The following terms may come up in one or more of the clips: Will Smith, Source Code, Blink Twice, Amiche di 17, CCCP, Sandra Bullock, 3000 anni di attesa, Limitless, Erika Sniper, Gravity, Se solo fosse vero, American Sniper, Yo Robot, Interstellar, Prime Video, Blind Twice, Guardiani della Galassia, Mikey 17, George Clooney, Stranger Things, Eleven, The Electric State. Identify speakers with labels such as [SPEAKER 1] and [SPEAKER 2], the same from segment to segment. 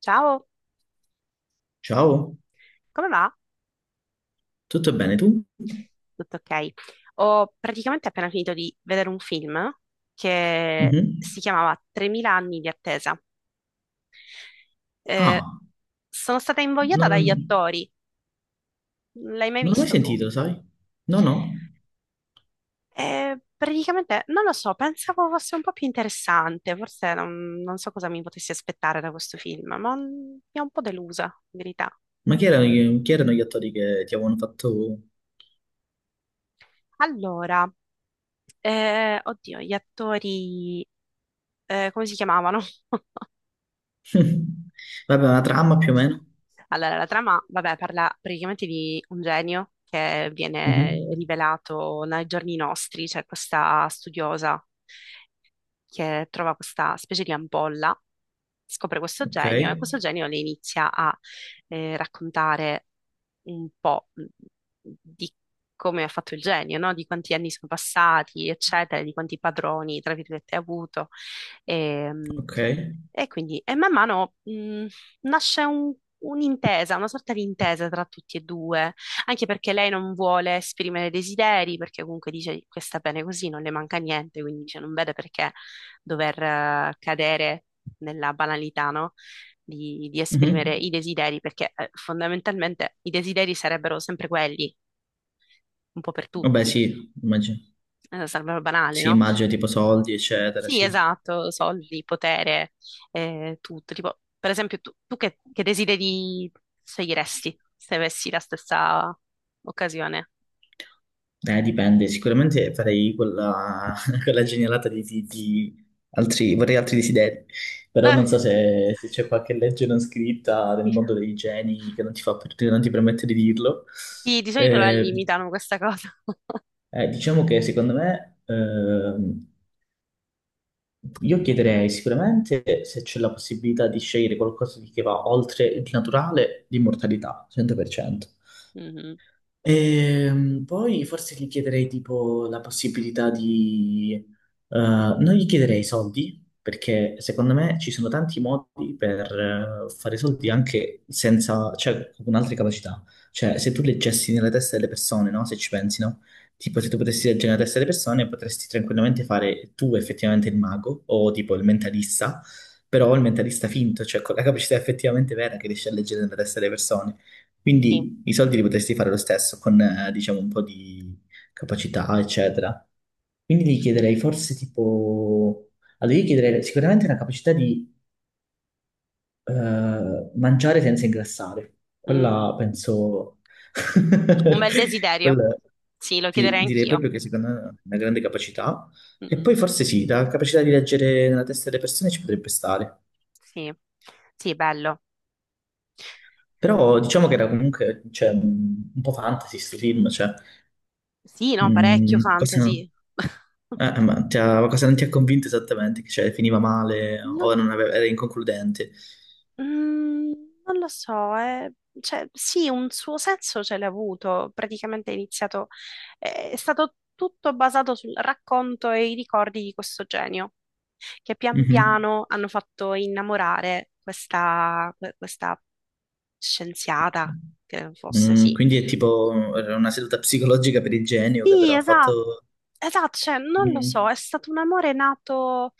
[SPEAKER 1] Ciao,
[SPEAKER 2] Ciao,
[SPEAKER 1] come va?
[SPEAKER 2] tutto bene tu?
[SPEAKER 1] Tutto ok. Ho praticamente appena finito di vedere un film che
[SPEAKER 2] Mhm.
[SPEAKER 1] si chiamava 3000 anni di attesa. Eh,
[SPEAKER 2] Ah,
[SPEAKER 1] Sono stata invogliata
[SPEAKER 2] non,
[SPEAKER 1] dagli attori. L'hai mai
[SPEAKER 2] non l'ho mai
[SPEAKER 1] visto tu?
[SPEAKER 2] sentito, sai? No, no.
[SPEAKER 1] Praticamente, non lo so, pensavo fosse un po' più interessante, forse non so cosa mi potessi aspettare da questo film, ma mi ha un po' delusa, in verità.
[SPEAKER 2] Ma chi erano, gli attori che ti avevano fatto...
[SPEAKER 1] Allora, oddio, gli attori, come si chiamavano?
[SPEAKER 2] Vabbè, una trama più o meno.
[SPEAKER 1] Allora, la trama, vabbè, parla praticamente di un genio che viene
[SPEAKER 2] Mhm.
[SPEAKER 1] rivelato nei giorni nostri, cioè questa studiosa che trova questa specie di ampolla, scopre questo
[SPEAKER 2] Ok,
[SPEAKER 1] genio e questo genio le inizia a raccontare un po' di come ha fatto il genio, no? Di quanti anni sono passati, eccetera, di quanti padroni, tra virgolette, ha avuto. E,
[SPEAKER 2] ok.
[SPEAKER 1] e quindi, e man mano nasce un'intesa, una sorta di intesa tra tutti e due, anche perché lei non vuole esprimere desideri, perché comunque dice che sta bene così, non le manca niente, quindi dice non vede perché dover cadere nella banalità, no? Di esprimere
[SPEAKER 2] Mhm.
[SPEAKER 1] i desideri, perché fondamentalmente i desideri sarebbero sempre quelli, un po' per
[SPEAKER 2] Vabbè,
[SPEAKER 1] tutti,
[SPEAKER 2] sì, immagino.
[SPEAKER 1] sarebbero banali,
[SPEAKER 2] Sì,
[SPEAKER 1] no?
[SPEAKER 2] immagino tipo soldi, eccetera,
[SPEAKER 1] Sì,
[SPEAKER 2] sì.
[SPEAKER 1] esatto, soldi, potere, tutto. Tipo, per esempio, tu che desideri sceglieresti se avessi la stessa occasione?
[SPEAKER 2] Dipende, sicuramente farei quella, quella genialata di altri, vorrei altri desideri, però
[SPEAKER 1] Eh,
[SPEAKER 2] non so se c'è qualche legge non scritta nel
[SPEAKER 1] sì.
[SPEAKER 2] mondo dei geni che non ti fa, per- che non ti permette di dirlo.
[SPEAKER 1] Sì, di solito la
[SPEAKER 2] Eh,
[SPEAKER 1] limitano questa cosa.
[SPEAKER 2] diciamo che secondo me, io chiederei sicuramente se c'è la possibilità di scegliere qualcosa di- che va oltre il naturale, l'immortalità, 100%.
[SPEAKER 1] Mhm.
[SPEAKER 2] Poi forse gli chiederei tipo la possibilità di... non gli chiederei soldi, perché secondo me ci sono tanti modi per fare soldi anche senza, cioè con altre capacità. Cioè se tu leggessi nella testa delle persone, no? Se ci pensi, no? Tipo se tu potessi leggere nella testa delle persone potresti tranquillamente fare tu effettivamente il mago o tipo il mentalista, però il mentalista finto, cioè con la capacità effettivamente vera che riesci a leggere nella testa delle persone.
[SPEAKER 1] Sì.
[SPEAKER 2] Quindi i soldi li potresti fare lo stesso con, diciamo, un po' di capacità, eccetera. Quindi gli chiederei forse tipo... Allora, io chiederei sicuramente una capacità di mangiare senza ingrassare.
[SPEAKER 1] Mm.
[SPEAKER 2] Quella penso...
[SPEAKER 1] Un bel desiderio.
[SPEAKER 2] Quella...
[SPEAKER 1] Sì, lo
[SPEAKER 2] Sì,
[SPEAKER 1] chiederei
[SPEAKER 2] direi
[SPEAKER 1] anch'io.
[SPEAKER 2] proprio che secondo me è una grande capacità. E
[SPEAKER 1] Mm.
[SPEAKER 2] poi forse sì, la capacità di leggere nella testa delle persone ci potrebbe stare.
[SPEAKER 1] Sì, sì, bello.
[SPEAKER 2] Però diciamo che era comunque cioè, un po' fantasy sto film, cioè,
[SPEAKER 1] Sì, no, parecchio
[SPEAKER 2] mm, cosa...
[SPEAKER 1] fantasy.
[SPEAKER 2] Ma cosa non ti ha convinto esattamente? Che cioè, finiva male
[SPEAKER 1] Non,
[SPEAKER 2] o non aveva- era inconcludente?
[SPEAKER 1] mm, non lo so, eh. Cioè, sì, un suo senso ce l'ha avuto. Praticamente è iniziato, è stato tutto basato sul racconto e i ricordi di questo genio, che pian
[SPEAKER 2] Mhm.
[SPEAKER 1] piano hanno fatto innamorare questa, questa scienziata, che fosse,
[SPEAKER 2] Mm,
[SPEAKER 1] sì.
[SPEAKER 2] quindi è tipo era una seduta psicologica per il genio che
[SPEAKER 1] Sì,
[SPEAKER 2] però ha
[SPEAKER 1] esatto,
[SPEAKER 2] fatto...
[SPEAKER 1] esatto, cioè non lo so,
[SPEAKER 2] Mm,
[SPEAKER 1] è stato un amore nato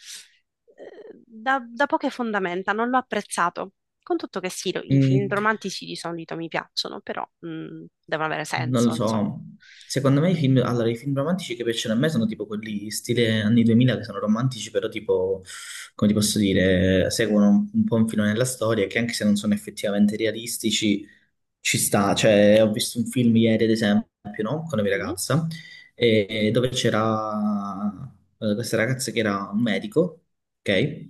[SPEAKER 1] da poche fondamenta, non l'ho apprezzato. Con tutto che sì, i film
[SPEAKER 2] mm.
[SPEAKER 1] romantici di solito mi piacciono, però devono avere
[SPEAKER 2] Non lo
[SPEAKER 1] senso, insomma.
[SPEAKER 2] so, secondo me i film, allora, i film romantici che piacciono a me sono tipo quelli stile anni 2000 che sono romantici, però tipo, come ti posso dire, seguono un po' un filone della storia che anche se non sono effettivamente realistici, ci sta. Cioè, ho visto un film ieri, ad esempio, no? Con la mia
[SPEAKER 1] Mhm.
[SPEAKER 2] ragazza, dove c'era questa ragazza che era un medico, ok?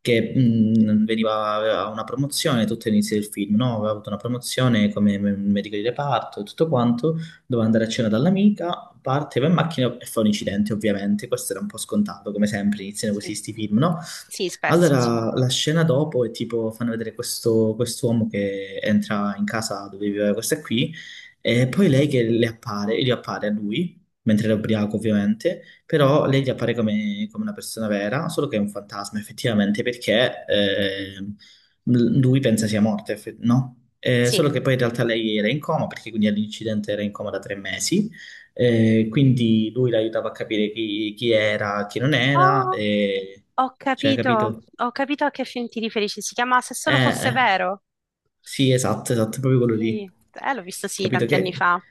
[SPEAKER 2] Che veniva, aveva una promozione tutto all'inizio del film, no? Aveva avuto una promozione come medico di reparto e tutto quanto, doveva andare a cena dall'amica, parte, va in macchina e fa un incidente, ovviamente, questo era un po' scontato, come sempre iniziano così
[SPEAKER 1] Sì,
[SPEAKER 2] sti film, no?
[SPEAKER 1] sì, spesso sì.
[SPEAKER 2] Allora, la scena dopo è tipo, fanno vedere questo quest'uomo che entra in casa dove viveva questa qui, e poi lei che le appare, gli appare a lui, mentre era ubriaco ovviamente, però lei gli appare come, come una persona vera, solo che è un fantasma effettivamente, perché lui pensa sia morta, no?
[SPEAKER 1] Sì.
[SPEAKER 2] Solo che poi in realtà lei era in coma, perché quindi all'incidente era in coma da 3 mesi, quindi lui l'aiutava a capire chi era, chi non era,
[SPEAKER 1] Oh,
[SPEAKER 2] e cioè, capito?
[SPEAKER 1] ho capito a che film ti riferisci, si chiama Se solo
[SPEAKER 2] Eh,
[SPEAKER 1] fosse
[SPEAKER 2] eh,
[SPEAKER 1] vero.
[SPEAKER 2] sì, esatto, esatto, proprio quello lì.
[SPEAKER 1] Sì, l'ho visto sì
[SPEAKER 2] Capito
[SPEAKER 1] tanti anni
[SPEAKER 2] che...
[SPEAKER 1] fa.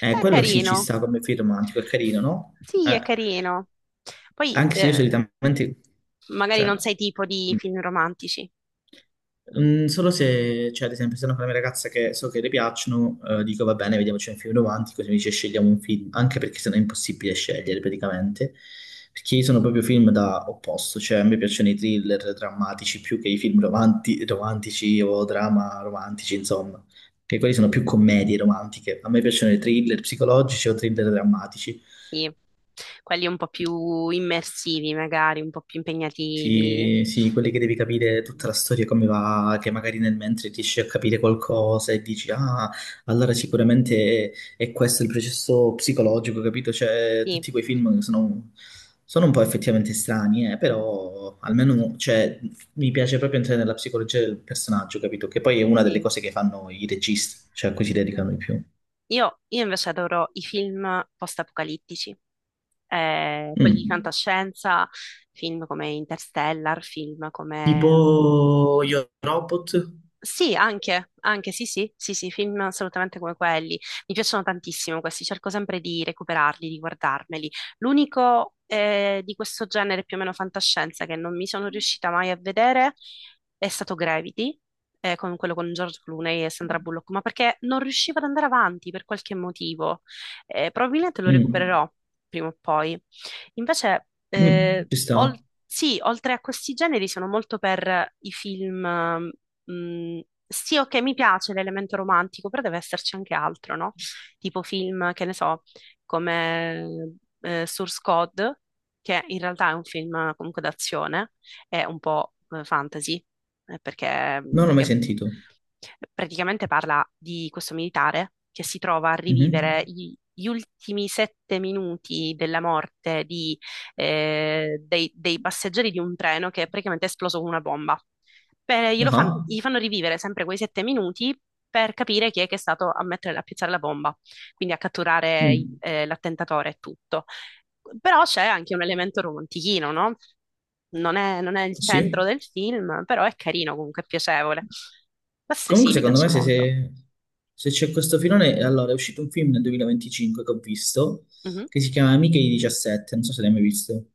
[SPEAKER 1] È
[SPEAKER 2] Quello sì ci
[SPEAKER 1] carino.
[SPEAKER 2] sta come film romantico, è carino, no?
[SPEAKER 1] Sì,
[SPEAKER 2] Eh,
[SPEAKER 1] è carino. Poi
[SPEAKER 2] Anche se io solitamente...
[SPEAKER 1] magari non
[SPEAKER 2] Cioè,
[SPEAKER 1] sei tipo di film romantici,
[SPEAKER 2] Solo se, cioè, ad esempio, sono con la mia ragazza che so che le piacciono, dico va bene, vediamoci un film davanti, così mi dice scegliamo un film, anche perché sennò è impossibile scegliere praticamente, perché io sono proprio film da opposto, cioè a me piacciono i thriller drammatici più che i film romantici o drama romantici, insomma, che quelli sono più commedie romantiche, a me piacciono i thriller psicologici o thriller drammatici.
[SPEAKER 1] sì, quelli un po' più immersivi, magari un po' più impegnativi.
[SPEAKER 2] Sì, sì, quelli che devi capire tutta la storia come va, che magari nel mentre riesci a capire qualcosa e dici, ah, allora sicuramente è questo il processo psicologico, capito? Cioè,
[SPEAKER 1] Sì,
[SPEAKER 2] tutti quei film sono un po' effettivamente strani, però almeno, cioè, mi piace proprio entrare nella psicologia del personaggio, capito? Che poi è una delle
[SPEAKER 1] sì.
[SPEAKER 2] cose che fanno i registi, cioè a cui si dedicano di più.
[SPEAKER 1] Io invece adoro i film post-apocalittici, quelli di
[SPEAKER 2] Mm.
[SPEAKER 1] fantascienza, film come Interstellar, film come
[SPEAKER 2] Tipo Yo Robot?
[SPEAKER 1] sì, anche, anche, sì, sì, sì, sì, film assolutamente come quelli. Mi piacciono tantissimo questi, cerco sempre di recuperarli, di guardarmeli. L'unico di questo genere più o meno fantascienza che non mi sono riuscita mai a vedere è stato Gravity, con quello con George Clooney e Sandra Bullock, ma perché non riuscivo ad andare avanti per qualche motivo. Probabilmente lo
[SPEAKER 2] Mm.
[SPEAKER 1] recupererò prima o poi. Invece,
[SPEAKER 2] Mm. Ci sta?
[SPEAKER 1] sì, oltre a questi generi sono molto per i film mh, sì, ok, mi piace l'elemento romantico, però deve esserci anche altro, no? Tipo film, che ne so, come Source Code, che in realtà è un film comunque d'azione, è un po' fantasy, perché,
[SPEAKER 2] Non l'ho mai
[SPEAKER 1] perché
[SPEAKER 2] sentito.
[SPEAKER 1] praticamente parla di questo militare che si trova a
[SPEAKER 2] Mhm.
[SPEAKER 1] rivivere gli ultimi sette minuti della morte di, dei passeggeri di un treno che è praticamente esploso con una bomba. Beh,
[SPEAKER 2] Ah,
[SPEAKER 1] gli fanno rivivere sempre quei sette minuti per capire chi è che è stato a mettere, a piazzare la bomba, quindi a catturare
[SPEAKER 2] mm,
[SPEAKER 1] l'attentatore e tutto. Però c'è anche un elemento romantichino, no? Non è il centro
[SPEAKER 2] sì.
[SPEAKER 1] del film, però è carino, comunque è piacevole. Queste sì,
[SPEAKER 2] Comunque
[SPEAKER 1] mi
[SPEAKER 2] secondo me
[SPEAKER 1] piacciono
[SPEAKER 2] se,
[SPEAKER 1] molto.
[SPEAKER 2] se c'è questo filone, allora è uscito un film nel 2025 che ho visto,
[SPEAKER 1] Mhm.
[SPEAKER 2] che si chiama Amiche di 17, non so se l'hai mai visto.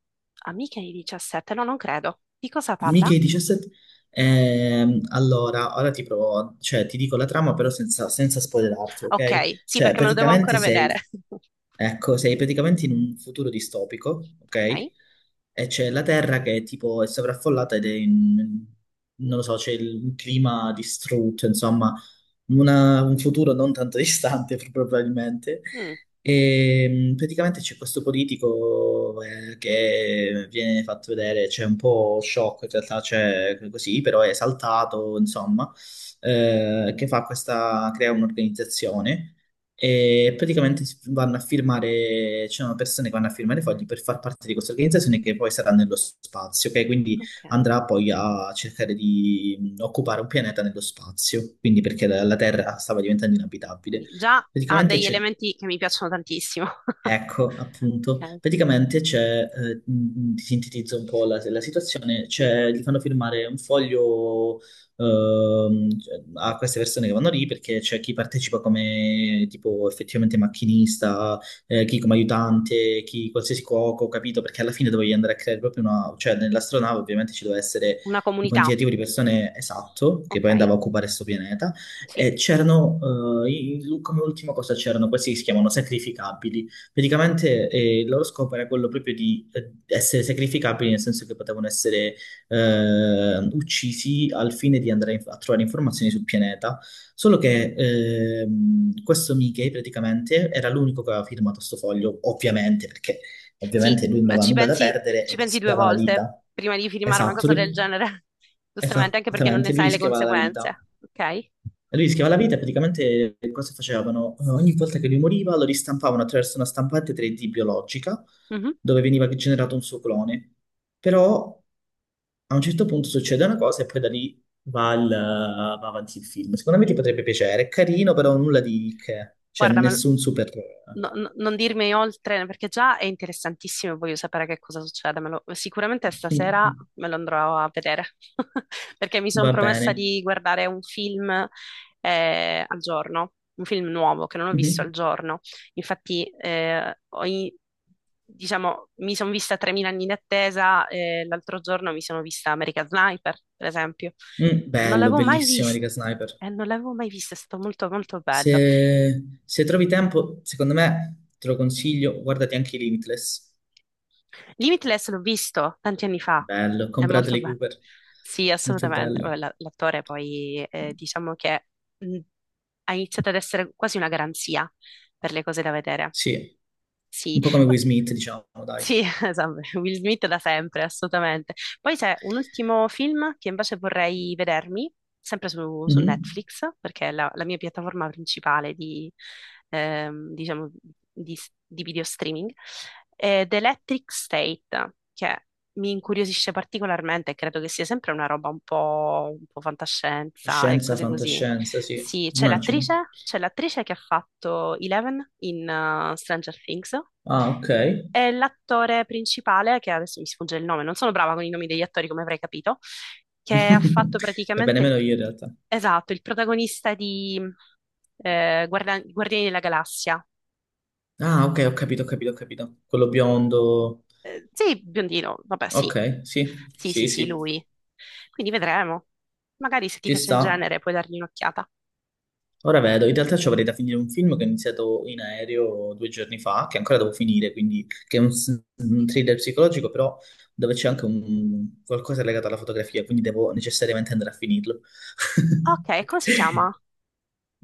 [SPEAKER 1] Amiche di 17, no, non credo. Di cosa parla?
[SPEAKER 2] Mica i 17. Allora, ora ti provo, cioè ti dico la trama però senza spoilerarti, ok?
[SPEAKER 1] Ok, sì,
[SPEAKER 2] Cioè
[SPEAKER 1] perché me lo devo
[SPEAKER 2] praticamente
[SPEAKER 1] ancora vedere.
[SPEAKER 2] ecco, sei praticamente in un futuro distopico, ok?
[SPEAKER 1] Ok.
[SPEAKER 2] E c'è la Terra che tipo è sovraffollata ed è in, non lo so, c'è un clima distrutto, insomma, un futuro non tanto distante probabilmente.
[SPEAKER 1] Mm,
[SPEAKER 2] E praticamente c'è questo politico che viene fatto vedere, c'è un po' shock in realtà, c'è così, però è esaltato, insomma, che fa questa, crea un'organizzazione e praticamente vanno a firmare, ci sono persone che vanno a firmare fogli per far parte di questa organizzazione che poi sarà nello spazio, ok? Quindi
[SPEAKER 1] ok.
[SPEAKER 2] andrà poi a cercare di occupare un pianeta nello spazio, quindi perché la Terra stava diventando inabitabile.
[SPEAKER 1] Quindi già ha
[SPEAKER 2] Praticamente
[SPEAKER 1] degli
[SPEAKER 2] c'è
[SPEAKER 1] elementi che mi piacciono tantissimo.
[SPEAKER 2] Ecco, appunto,
[SPEAKER 1] Ok,
[SPEAKER 2] praticamente c'è, ti sintetizzo un po' la situazione,
[SPEAKER 1] sì.
[SPEAKER 2] c'è, gli fanno firmare un foglio cioè, a queste persone che vanno lì perché c'è chi partecipa come tipo effettivamente macchinista, chi come aiutante, chi qualsiasi cuoco, capito? Perché alla fine dovevi andare a creare proprio cioè nell'astronave ovviamente ci doveva essere
[SPEAKER 1] Una
[SPEAKER 2] un
[SPEAKER 1] comunità,
[SPEAKER 2] quantitativo di persone esatto, che
[SPEAKER 1] ok?
[SPEAKER 2] poi andava a occupare questo pianeta,
[SPEAKER 1] Sì,
[SPEAKER 2] e c'erano, come ultima cosa c'erano questi che si chiamano sacrificabili. Praticamente il loro scopo era quello proprio di essere sacrificabili, nel senso che potevano essere uccisi al fine di andare a trovare informazioni sul pianeta. Solo che questo Mickey praticamente era l'unico che aveva firmato sto foglio, ovviamente, perché
[SPEAKER 1] sì,
[SPEAKER 2] ovviamente lui non
[SPEAKER 1] beh,
[SPEAKER 2] aveva nulla da perdere
[SPEAKER 1] ci
[SPEAKER 2] e
[SPEAKER 1] pensi due
[SPEAKER 2] rischiava la
[SPEAKER 1] volte
[SPEAKER 2] vita.
[SPEAKER 1] prima di firmare una
[SPEAKER 2] Esatto,
[SPEAKER 1] cosa del genere, giustamente, anche perché non ne
[SPEAKER 2] esattamente, lui
[SPEAKER 1] sai le
[SPEAKER 2] rischiava la
[SPEAKER 1] conseguenze,
[SPEAKER 2] vita.
[SPEAKER 1] ok?
[SPEAKER 2] Lui rischiava la vita, praticamente cosa facevano? Ogni volta che lui moriva lo ristampavano attraverso una stampante 3D biologica
[SPEAKER 1] Mhm.
[SPEAKER 2] dove veniva generato un suo clone. Però a un certo punto succede una cosa e poi da lì va, va avanti il film. Secondo me ti
[SPEAKER 1] Mm.
[SPEAKER 2] potrebbe piacere, è carino, però nulla di che, cioè
[SPEAKER 1] Guarda, me lo-
[SPEAKER 2] nessun super...
[SPEAKER 1] Non dirmi oltre perché già è interessantissimo, e voglio sapere che cosa succede. Sicuramente stasera me lo andrò a vedere perché mi sono
[SPEAKER 2] Va
[SPEAKER 1] promessa
[SPEAKER 2] bene.
[SPEAKER 1] di guardare un film al giorno, un film nuovo che non ho visto al
[SPEAKER 2] Mhm.
[SPEAKER 1] giorno. Infatti, diciamo, mi sono vista 3000 anni in attesa e l'altro giorno mi sono vista American Sniper, per esempio.
[SPEAKER 2] Mm,
[SPEAKER 1] Non
[SPEAKER 2] bello,
[SPEAKER 1] l'avevo mai
[SPEAKER 2] bellissimo
[SPEAKER 1] visto.
[SPEAKER 2] Erika Sniper.
[SPEAKER 1] Non l'avevo mai visto, è stato molto molto bello.
[SPEAKER 2] Se trovi tempo, secondo me te lo consiglio, guardati anche i Limitless.
[SPEAKER 1] Limitless l'ho visto tanti anni fa,
[SPEAKER 2] Bello, ho
[SPEAKER 1] è
[SPEAKER 2] con
[SPEAKER 1] molto
[SPEAKER 2] Bradley
[SPEAKER 1] bello.
[SPEAKER 2] Cooper,
[SPEAKER 1] Sì,
[SPEAKER 2] molto
[SPEAKER 1] assolutamente.
[SPEAKER 2] bello.
[SPEAKER 1] Vabbè, l'attore poi diciamo che mh, ha iniziato ad essere quasi una garanzia per le cose da vedere.
[SPEAKER 2] Sì,
[SPEAKER 1] Sì,
[SPEAKER 2] un po' come Will Smith, diciamo, dai.
[SPEAKER 1] sì, esatto, Will Smith da sempre, assolutamente. Poi c'è un ultimo film che invece vorrei vedermi, sempre su
[SPEAKER 2] Mhm.
[SPEAKER 1] Netflix, perché è la mia piattaforma principale di, diciamo, di, di video streaming, è The Electric State, che mi incuriosisce particolarmente e credo che sia sempre una roba un po' fantascienza e
[SPEAKER 2] Scienza,
[SPEAKER 1] cose così.
[SPEAKER 2] fantascienza, sì,
[SPEAKER 1] Sì,
[SPEAKER 2] immagino.
[SPEAKER 1] c'è l'attrice che ha fatto Eleven in Stranger Things
[SPEAKER 2] Ah, ok.
[SPEAKER 1] è l'attore principale, che adesso mi sfugge il nome, non sono brava con i nomi degli attori, come avrai capito, che ha fatto
[SPEAKER 2] Va bene,
[SPEAKER 1] praticamente il,
[SPEAKER 2] meno io in realtà.
[SPEAKER 1] esatto, il protagonista di Guardiani della Galassia.
[SPEAKER 2] Ah, ok, ho capito, ho capito, ho capito. Quello biondo.
[SPEAKER 1] Sì, biondino, vabbè, sì.
[SPEAKER 2] Ok, sì,
[SPEAKER 1] Sì, sì,
[SPEAKER 2] sì,
[SPEAKER 1] sì,
[SPEAKER 2] sì,
[SPEAKER 1] lui. Quindi vedremo. Magari se ti
[SPEAKER 2] ci
[SPEAKER 1] piace il
[SPEAKER 2] sta.
[SPEAKER 1] genere puoi dargli un'occhiata.
[SPEAKER 2] Ora vedo, in realtà ci avrei da finire un film che ho iniziato in aereo 2 giorni fa, che ancora devo finire, quindi che è un thriller psicologico, però dove c'è anche qualcosa legato alla fotografia, quindi devo necessariamente andare a finirlo.
[SPEAKER 1] Ok, come si chiama?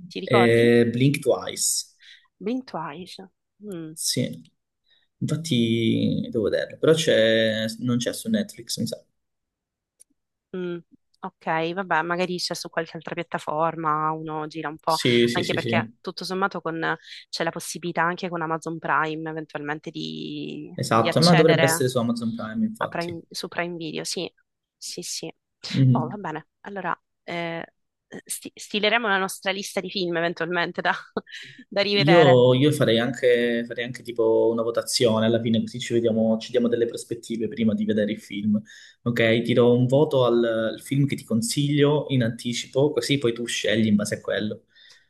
[SPEAKER 1] Ti ricordi?
[SPEAKER 2] Blink Twice,
[SPEAKER 1] Blind Twice. Mm.
[SPEAKER 2] sì. Infatti devo vederlo, però c'è, non c'è su Netflix, mi sa.
[SPEAKER 1] Mm, ok, vabbè, magari c'è su qualche altra piattaforma, uno gira un po',
[SPEAKER 2] Sì, sì,
[SPEAKER 1] anche
[SPEAKER 2] sì,
[SPEAKER 1] perché
[SPEAKER 2] sì,
[SPEAKER 1] c'è la possibilità anche con Amazon Prime eventualmente di
[SPEAKER 2] esatto, ma dovrebbe
[SPEAKER 1] accedere
[SPEAKER 2] essere su Amazon Prime, infatti.
[SPEAKER 1] Su Prime Video, sì, sì, sì. Oh, va
[SPEAKER 2] Mhm.
[SPEAKER 1] bene, allora stileremo la nostra lista di film eventualmente da, da rivedere.
[SPEAKER 2] Io farei anche tipo una votazione alla fine, così ci vediamo, ci diamo delle prospettive prima di vedere il film. Ok, ti do un voto al film che ti consiglio in anticipo, così poi tu scegli in base a quello.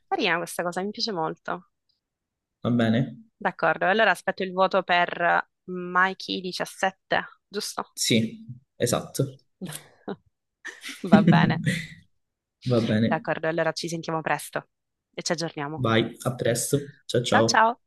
[SPEAKER 1] Carina questa cosa, mi piace molto.
[SPEAKER 2] Va bene?
[SPEAKER 1] D'accordo, allora aspetto il voto per Mikey 17, giusto?
[SPEAKER 2] Sì, esatto.
[SPEAKER 1] Va bene.
[SPEAKER 2] Va bene.
[SPEAKER 1] D'accordo, allora ci sentiamo presto e ci aggiorniamo.
[SPEAKER 2] Vai, a presto. Ciao
[SPEAKER 1] Ciao
[SPEAKER 2] ciao.
[SPEAKER 1] ciao!